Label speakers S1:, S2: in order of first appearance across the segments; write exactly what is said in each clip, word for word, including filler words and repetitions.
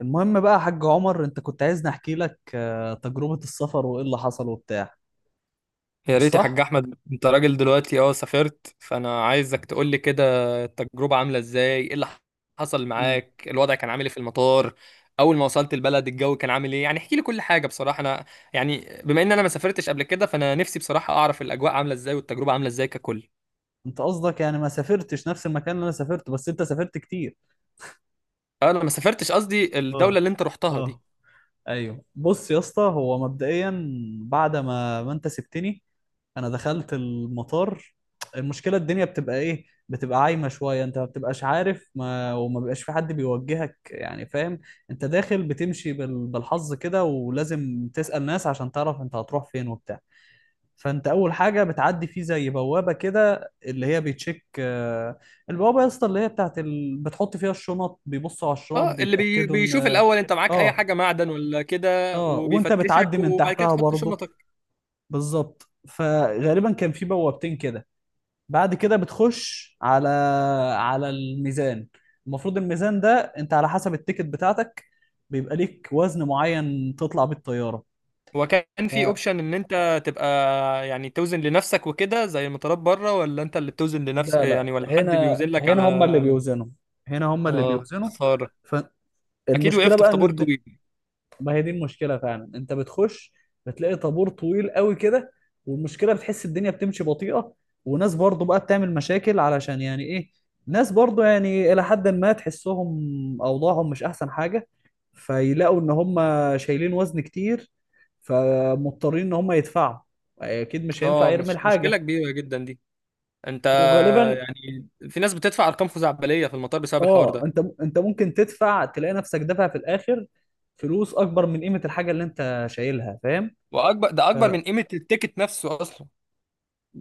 S1: المهم بقى يا حاج عمر، انت كنت عايزني احكي لك آه، تجربة السفر وايه اللي حصل وبتاع.
S2: يا
S1: مش
S2: ريت يا
S1: صح؟
S2: حاج احمد. انت راجل دلوقتي اه سافرت، فانا عايزك تقول لي كده التجربه عامله ازاي؟ ايه اللي حصل
S1: مم.
S2: معاك؟ الوضع كان عامل ايه في المطار؟ اول ما وصلت البلد الجو كان عامل ايه؟ يعني احكي لي كل حاجه بصراحه. انا يعني بما ان انا ما سافرتش قبل كده، فانا نفسي بصراحه اعرف الاجواء عامله ازاي والتجربه عامله ازاي ككل.
S1: انت قصدك يعني ما سافرتش نفس المكان اللي انا سافرته، بس انت سافرت كتير.
S2: انا ما سافرتش، قصدي الدوله
S1: اه،
S2: اللي انت رحتها دي.
S1: اه، ايوه. بص يا اسطى، هو مبدئيا بعد ما ما انت سبتني، انا دخلت المطار. المشكله الدنيا بتبقى ايه، بتبقى عايمه شويه، انت ما بتبقاش عارف، ما وما بيبقاش في حد بيوجهك، يعني فاهم، انت داخل بتمشي بال... بالحظ كده، ولازم تسأل ناس عشان تعرف انت هتروح فين وبتاع. فانت اول حاجه بتعدي فيه زي بوابه كده اللي هي بيتشيك، آه، البوابه يا اسطى اللي هي بتاعت ال... بتحط فيها الشنط، بيبصوا على الشنط
S2: اه، اللي بي
S1: بيتاكدوا
S2: بيشوف
S1: ان،
S2: الاول انت معاك اي
S1: اه،
S2: حاجه معدن ولا كده
S1: اه، وانت بتعدي
S2: وبيفتشك،
S1: من
S2: وبعد كده
S1: تحتها
S2: تحط
S1: برضه.
S2: شنطك.
S1: بالظبط، فغالبا كان في بوابتين كده. بعد كده بتخش على على الميزان. المفروض الميزان ده انت على حسب التيكت بتاعتك بيبقى ليك وزن معين تطلع بيه الطياره.
S2: هو كان في اوبشن ان انت تبقى يعني توزن لنفسك وكده زي المطارات بره، ولا انت اللي بتوزن لنفس
S1: لا
S2: يعني،
S1: لا،
S2: ولا حد
S1: هنا
S2: بيوزن لك
S1: هنا
S2: على؟
S1: هم اللي بيوزنوا، هنا هم اللي
S2: اه،
S1: بيوزنوا.
S2: خساره. اكيد
S1: فالمشكله
S2: وقفت في
S1: بقى ان
S2: طابور
S1: الد...
S2: طويل.
S1: ما هي دي المشكله فعلا، انت بتخش بتلاقي طابور طويل قوي كده، والمشكله بتحس الدنيا بتمشي بطيئه، وناس برضو بقى بتعمل مشاكل علشان يعني ايه، ناس برضو يعني الى حد ما تحسهم اوضاعهم مش احسن حاجه، فيلاقوا ان هم شايلين وزن كتير، فمضطرين ان هم يدفعوا، اكيد مش هينفع
S2: اه
S1: يرمي
S2: مش... مشكله
S1: الحاجه.
S2: كبيره جدا دي. انت
S1: وغالبا
S2: يعني في ناس بتدفع ارقام خزعبليه في المطار بسبب الحوار
S1: اه،
S2: ده،
S1: انت انت ممكن تدفع تلاقي نفسك دافع في الاخر فلوس اكبر من قيمه الحاجه اللي انت شايلها، فاهم.
S2: واكبر ده اكبر من قيمه التيكت نفسه اصلا.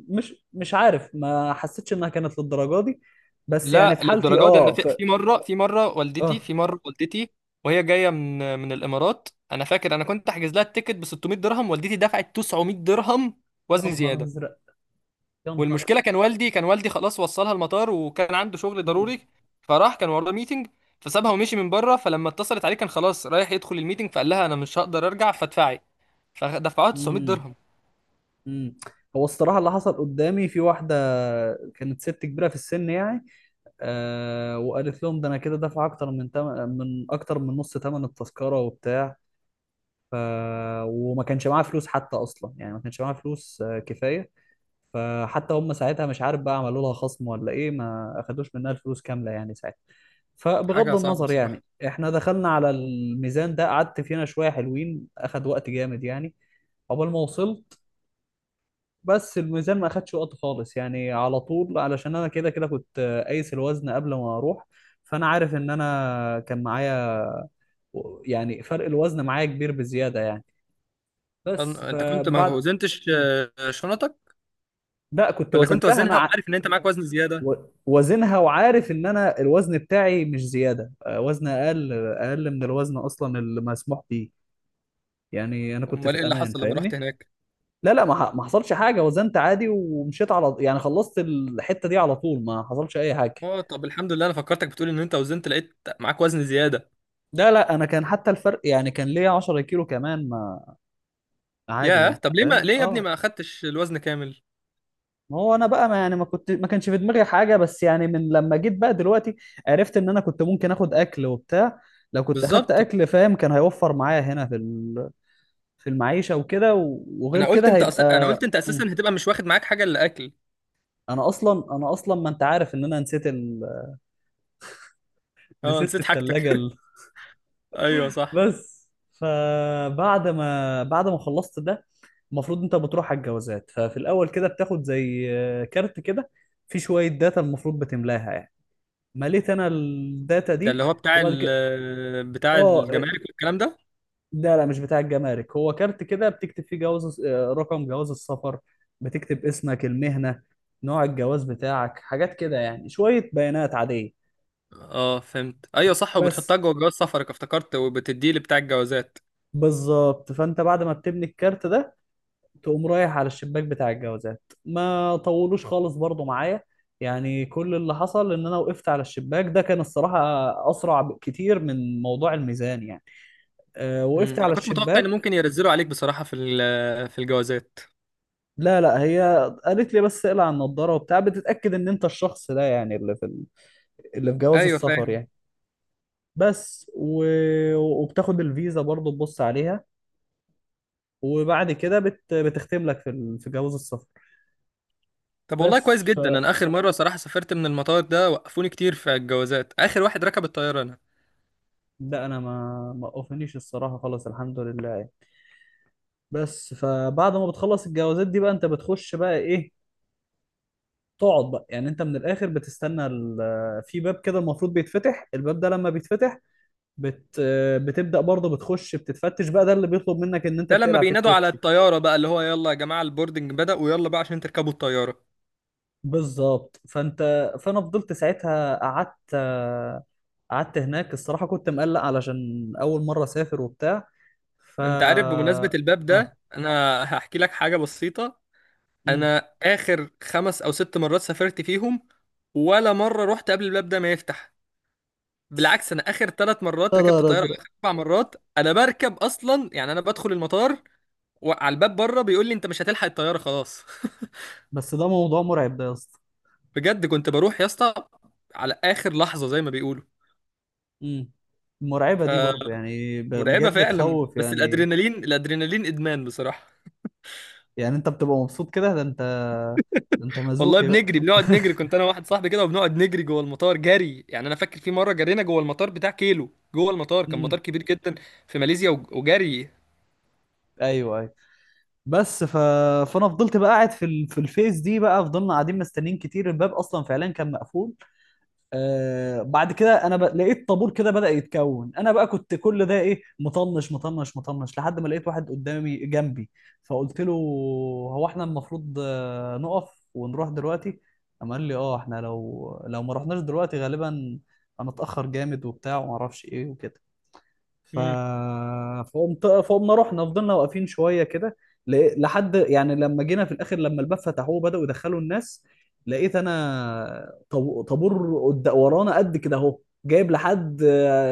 S1: فمش مش عارف، ما حسيتش انها كانت للدرجه دي، بس يعني
S2: لا،
S1: في حالتي،
S2: للدرجه دي، انا
S1: اه،
S2: في
S1: ف...
S2: في مره في مره والدتي
S1: اه،
S2: في مره والدتي وهي جايه من من الامارات، انا فاكر انا كنت احجز لها التيكت ب ستمائة درهم، والدتي دفعت تسعمية درهم
S1: يا
S2: وزن
S1: نهار
S2: زياده.
S1: ازرق، يا نهار أزرق.
S2: والمشكله كان والدي كان والدي خلاص وصلها المطار وكان عنده شغل
S1: مم.
S2: ضروري، فراح كان وراه ميتنج، فسابها ومشي من بره. فلما اتصلت عليه كان خلاص رايح يدخل الميتنج، فقال لها انا مش هقدر ارجع فادفعي. فدفعوها 900
S1: مم.
S2: درهم
S1: مم. هو الصراحه اللي حصل قدامي في واحده كانت ست كبيره في السن، يعني، آه وقالت لهم ده انا كده دافع اكتر من تم... من اكتر من نص ثمن التذكره وبتاع، ف... وما كانش معاه فلوس حتى اصلا، يعني ما كانش معاه فلوس، آه، كفايه. فحتى هم ساعتها، مش عارف بقى عملوا لها خصم ولا ايه، ما اخدوش منها الفلوس كامله يعني ساعتها. فبغض
S2: حاجه صعبه
S1: النظر،
S2: بصراحه.
S1: يعني احنا دخلنا على الميزان ده قعدت فينا شويه حلوين، اخد وقت جامد يعني، عقبال ما وصلت. بس الميزان ما اخدش وقت خالص يعني، على طول، علشان انا كده كده كنت، آه، قايس الوزن قبل ما اروح، فانا عارف ان انا كان معايا، يعني فرق الوزن معايا كبير بزياده يعني.
S2: أن-
S1: بس
S2: انت كنت ما
S1: فبعد،
S2: وزنتش آه، شنطك؟
S1: لا كنت
S2: ولا كنت
S1: وزنتها
S2: وزنها
S1: انا ع...
S2: وعارف ان انت معاك وزن زياده؟
S1: و- وزنها وعارف ان انا الوزن بتاعي مش زياده، آه، وزن اقل اقل من الوزن اصلا اللي مسموح بيه، يعني انا كنت في
S2: امال ايه اللي
S1: الامان،
S2: حصل لما رحت
S1: فاهمني.
S2: هناك؟
S1: لا لا، ما ح- ما حصلش حاجه، وزنت عادي ومشيت، على يعني خلصت الحته دي على طول، ما حصلش اي حاجه.
S2: اه، طب الحمد لله. انا فكرتك بتقول ان انت وزنت لقيت معاك وزن زياده.
S1: لا لا، انا كان حتى الفرق يعني كان ليا عشر كيلو كمان، ما عادي
S2: ياه،
S1: يعني،
S2: طب ليه ما
S1: فاهم،
S2: ليه يا ابني
S1: اه.
S2: ما اخدتش الوزن كامل؟
S1: ما هو انا بقى، ما يعني ما كنت، ما كانش في دماغي حاجه، بس يعني من لما جيت بقى دلوقتي عرفت ان انا كنت ممكن اخد اكل وبتاع. لو كنت اخدت
S2: بالظبط.
S1: اكل، فاهم، كان هيوفر معايا هنا في ال- في المعيشه وكده، و- وغير
S2: انا قلت
S1: كده
S2: انت أس... انا
S1: هيبقى،
S2: قلت انت اساسا
S1: مم.
S2: هتبقى مش واخد معاك حاجه الا اكل.
S1: انا اصلا انا اصلا ما، انت عارف ان انا نسيت ال...
S2: اه،
S1: نسيت في
S2: نسيت حاجتك
S1: الثلاجه ال...
S2: ايوه صح.
S1: بس، فبعد ما بعد ما خلصت ده، المفروض انت بتروح على الجوازات، ففي الاول كده بتاخد زي كارت كده، في شويه داتا المفروض بتملاها، مليت انا الداتا
S2: ده اللي
S1: دي
S2: هو بتاع
S1: وبعد كده.
S2: ال... بتاع
S1: اه،
S2: الجمارك والكلام ده.
S1: لا لا، مش بتاع الجمارك، هو كارت كده بتكتب فيه جواز آه، رقم جواز السفر، بتكتب اسمك، المهنة، نوع الجواز بتاعك، حاجات كده يعني شوية بيانات عادية.
S2: اه، فهمت، ايوه صح، وبتحطها
S1: بس،
S2: جوه جواز سفرك افتكرت، وبتديه لبتاع الجوازات.
S1: بالظبط، فانت بعد ما بتبني الكارت ده تقوم رايح على الشباك بتاع الجوازات، ما طولوش خالص برضو معايا، يعني كل اللي حصل ان انا وقفت على الشباك ده، كان الصراحة اسرع كتير من موضوع الميزان يعني. آه،
S2: مم.
S1: وقفت
S2: انا
S1: على
S2: كنت متوقع ان
S1: الشباك،
S2: ممكن ينزلوا عليك بصراحه في ال... في الجوازات.
S1: لا لا، هي قالت لي بس اقلع النضاره وبتاع، بتتاكد ان انت الشخص ده يعني اللي في ال- اللي في جواز
S2: ايوه،
S1: السفر
S2: فاهم.
S1: يعني. بس و، وبتاخد الفيزا برضه تبص عليها، وبعد كده بت... بتختم لك في ال... في جواز السفر.
S2: طب والله كويس
S1: بس، ف،
S2: جدا، انا اخر مره صراحه سافرت من المطار ده وقفوني كتير في الجوازات، اخر واحد ركب الطياره انا.
S1: لا انا ما ما اوفنيش الصراحه خالص، الحمد لله يعني. بس فبعد ما بتخلص الجوازات دي بقى، انت بتخش بقى ايه، تقعد بقى، يعني انت من الاخر بتستنى ال... في باب كده المفروض بيتفتح، الباب ده لما بيتفتح بت... بتبدأ برضه بتخش بتتفتش بقى، ده اللي بيطلب منك ان انت
S2: ده لما
S1: بتقلع فيه
S2: بينادوا على
S1: الكوتشي.
S2: الطياره بقى، اللي هو يلا يا جماعه البوردنج بدأ، ويلا بقى عشان تركبوا الطياره.
S1: بالظبط، فانت، فانا فضلت ساعتها قعدت، قعدت هناك الصراحة كنت مقلق علشان اول مرة اسافر وبتاع، ف،
S2: انت عارف بمناسبه الباب
S1: اه.
S2: ده انا هحكي لك حاجه بسيطه.
S1: امم
S2: انا اخر خمس او ست مرات سافرت فيهم، ولا مره رحت قبل الباب ده ما يفتح. بالعكس، انا اخر ثلاث مرات
S1: يا
S2: ركبت
S1: نهار
S2: طياره،
S1: ازرق،
S2: اخر اربع مرات انا بركب اصلا، يعني انا بدخل المطار وعلى الباب بره بيقول لي انت مش هتلحق الطياره خلاص.
S1: بس ده موضوع مرعب ده يا اسطى.
S2: بجد كنت بروح يا اسطى على اخر لحظه زي ما بيقولوا.
S1: امم المرعبة دي برضه يعني ب...
S2: فمرعبه
S1: بجد
S2: فعلا،
S1: تخوف
S2: بس
S1: يعني،
S2: الادرينالين، الادرينالين ادمان بصراحه.
S1: يعني انت بتبقى مبسوط كده، ده انت، ده انت
S2: والله
S1: مزوخي بقى.
S2: بنجري، بنقعد نجري، كنت انا واحد صاحبي كده وبنقعد نجري جوه المطار جري. يعني انا فاكر في مره جرينا جوه المطار بتاع كيلو جوه المطار، كان مطار
S1: امم،
S2: كبير جدا في ماليزيا، وج- وجري.
S1: ايوه. بس ف... فانا فضلت بقى قاعد في ال... في الفيس دي، بقى فضلنا قاعدين مستنيين كتير، الباب اصلا فعلا كان مقفول. آه بعد كده انا ب... لقيت طابور كده بدأ يتكون، انا بقى كنت كل ده ايه، مطنش مطنش مطنش، لحد ما لقيت واحد قدامي جنبي، فقلت له هو احنا المفروض، آه، نقف ونروح دلوقتي؟ قام قال لي اه احنا لو لو ما رحناش دلوقتي غالبا هنتأخر جامد وبتاع وما اعرفش ايه وكده، ف...
S2: امم.
S1: فقمت فقمنا رحنا، فضلنا واقفين شويه كده، ل- لحد يعني لما جينا في الاخر، لما الباب فتحوه وبداوا يدخلوا الناس، لقيت انا طب... طابور قد... ورانا قد كده اهو، جايب لحد،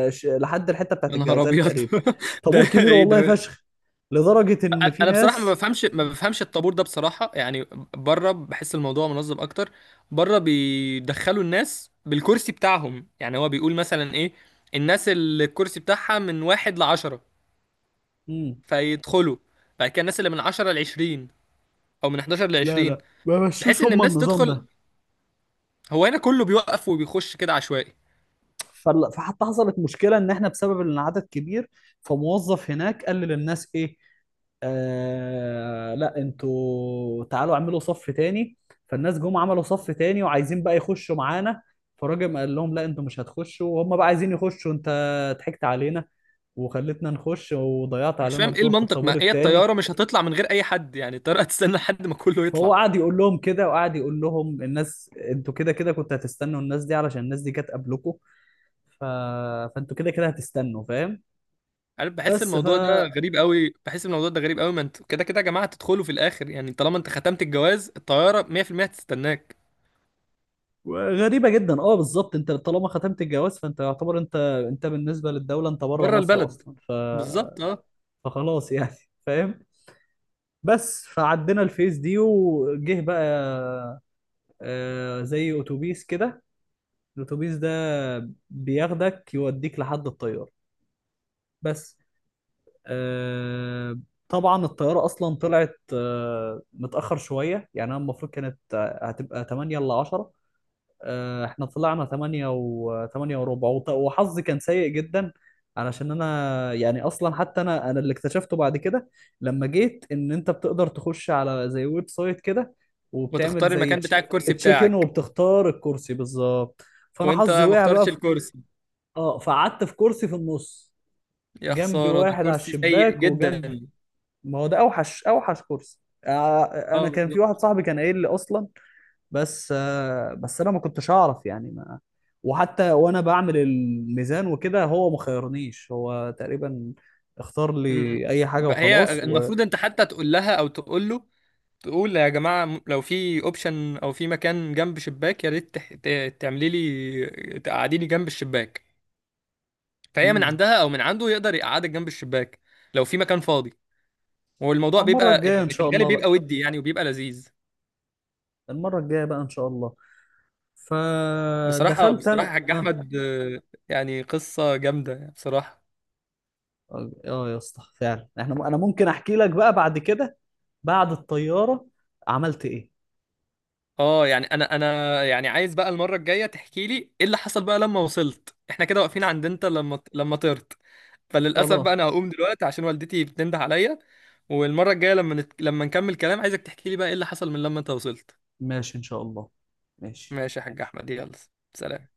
S1: ش- لحد الحته بتاعت
S2: يا نهار
S1: الجوازات
S2: ابيض
S1: تقريبا،
S2: ده
S1: طابور كبير
S2: ايه
S1: والله
S2: ده؟
S1: فشخ، لدرجه ان
S2: انا
S1: في
S2: أنا بصراحه ما
S1: ناس.
S2: بفهمش ما بفهمش الطابور ده بصراحه يعني. بره بحس الموضوع منظم اكتر. بره بيدخلوا الناس بالكرسي بتاعهم، يعني هو بيقول مثلا ايه، الناس اللي الكرسي بتاعها من واحد لعشرة
S1: مم.
S2: فيدخلوا، بعد كده الناس اللي من عشرة لعشرين او من احد عشر
S1: لا
S2: لعشرين،
S1: لا، ما
S2: بحيث
S1: مشوش
S2: ان
S1: هم
S2: الناس
S1: النظام
S2: تدخل.
S1: ده.
S2: هو هنا كله بيوقف وبيخش كده عشوائي.
S1: فال- فحتى حصلت مشكله ان احنا بسبب ان العدد كبير، فموظف هناك قال للناس ايه، آه لا انتوا تعالوا اعملوا صف تاني، فالناس جم عملوا صف تاني وعايزين بقى يخشوا معانا، فالراجل قال لهم لا انتوا مش هتخشوا، وهم بقى عايزين يخشوا، انت ضحكت علينا وخلتنا نخش وضيعت
S2: أنا مش
S1: علينا
S2: فاهم ايه
S1: الدور في
S2: المنطق،
S1: الطابور
S2: ما هي
S1: التاني.
S2: الطياره مش هتطلع من غير اي حد، يعني الطياره هتستنى لحد ما كله
S1: فهو
S2: يطلع.
S1: قعد يقول لهم كده، وقعد يقول لهم الناس انتوا كده كده كنتوا هتستنوا الناس دي، علشان الناس دي كانت قبلكم، ف... فانتوا كده كده هتستنوا، فاهم.
S2: عارف، بحس
S1: بس، ف،
S2: الموضوع ده غريب قوي، بحس الموضوع ده غريب قوي. ما انتوا كده كده يا جماعه هتدخلوا في الاخر، يعني طالما انت ختمت الجواز الطياره مية في المية هتستناك.
S1: غريبة جدا، اه، بالظبط، انت طالما ختمت الجواز فانت يعتبر انت، انت بالنسبة للدولة انت بره
S2: بره
S1: مصر
S2: البلد،
S1: اصلا، ف...
S2: بالظبط اه.
S1: فخلاص يعني فاهم. بس فعدينا الفيز دي، وجه بقى آه، زي اتوبيس كده، الاتوبيس ده بياخدك يوديك لحد الطيارة. بس، آه، طبعا الطيارة اصلا طلعت آه، متأخر شوية، يعني انا المفروض كانت، آه، هتبقى ثمانية ل عشرة، آه، احنا طلعنا ثمانية و ثمانية وربع، وط- وحظي كان سيء جدا، علشان انا يعني اصلا حتى انا انا اللي اكتشفته بعد كده لما جيت، ان انت بتقدر تخش على زي ويب سايت كده، وبتعمل
S2: وتختار
S1: زي
S2: المكان بتاع الكرسي
S1: تشيك ان،
S2: بتاعك.
S1: وبتختار الكرسي بالظبط. فانا
S2: وانت
S1: حظي
S2: ما
S1: وقع بقى
S2: اخترتش
S1: في...
S2: الكرسي؟
S1: اه فقعدت في كرسي في النص،
S2: يا
S1: جنبي
S2: خساره، ده
S1: واحد على
S2: كرسي سيء
S1: الشباك
S2: جدا.
S1: وجنب، ما هو ده اوحش، اوحش كرسي، آه،
S2: اه،
S1: انا كان في واحد
S2: بالظبط.
S1: صاحبي كان قايل لي اصلا، بس، آه، بس انا ما كنتش اعرف يعني ما، وحتى وانا بعمل الميزان وكده هو ما خيرنيش، هو تقريبا اختار
S2: مم.
S1: لي اي حاجه
S2: بقى هي
S1: وخلاص و،
S2: المفروض انت حتى تقول لها او تقول له، تقول يا جماعه م- لو في اوبشن او في مكان جنب شباك يا ريت تح- ت- تعملي لي تقعديني جنب الشباك. فهي من
S1: مم.
S2: عندها او من عنده يقدر يقعدك جنب الشباك لو في مكان فاضي. والموضوع
S1: والمره
S2: بيبقى
S1: الجايه ان
S2: يعني في
S1: شاء
S2: الغالب
S1: الله بقى،
S2: بيبقى ودي يعني وبيبقى لذيذ.
S1: المره الجايه بقى ان شاء الله.
S2: بصراحة
S1: فدخلت
S2: بصراحة
S1: انا،
S2: حاج
S1: اه،
S2: أحمد، آه، يعني قصة جامدة بصراحة.
S1: اه آه يا اسطى فعلا احنا انا ممكن احكي لك بقى بعد كده، بعد الطياره عملت ايه.
S2: اه يعني انا انا يعني عايز بقى المرة الجاية تحكي لي ايه اللي حصل بقى لما وصلت، احنا كده واقفين عند انت لما لما طرت. فللأسف
S1: خلاص،
S2: بقى انا هقوم دلوقتي عشان والدتي بتنده عليا. والمرة الجاية لما نت... لما نكمل كلام، عايزك تحكي لي بقى ايه اللي حصل من لما انت وصلت.
S1: ماشي ان شاء الله، ماشي.
S2: ماشي يا حاج أحمد، يلا، سلام.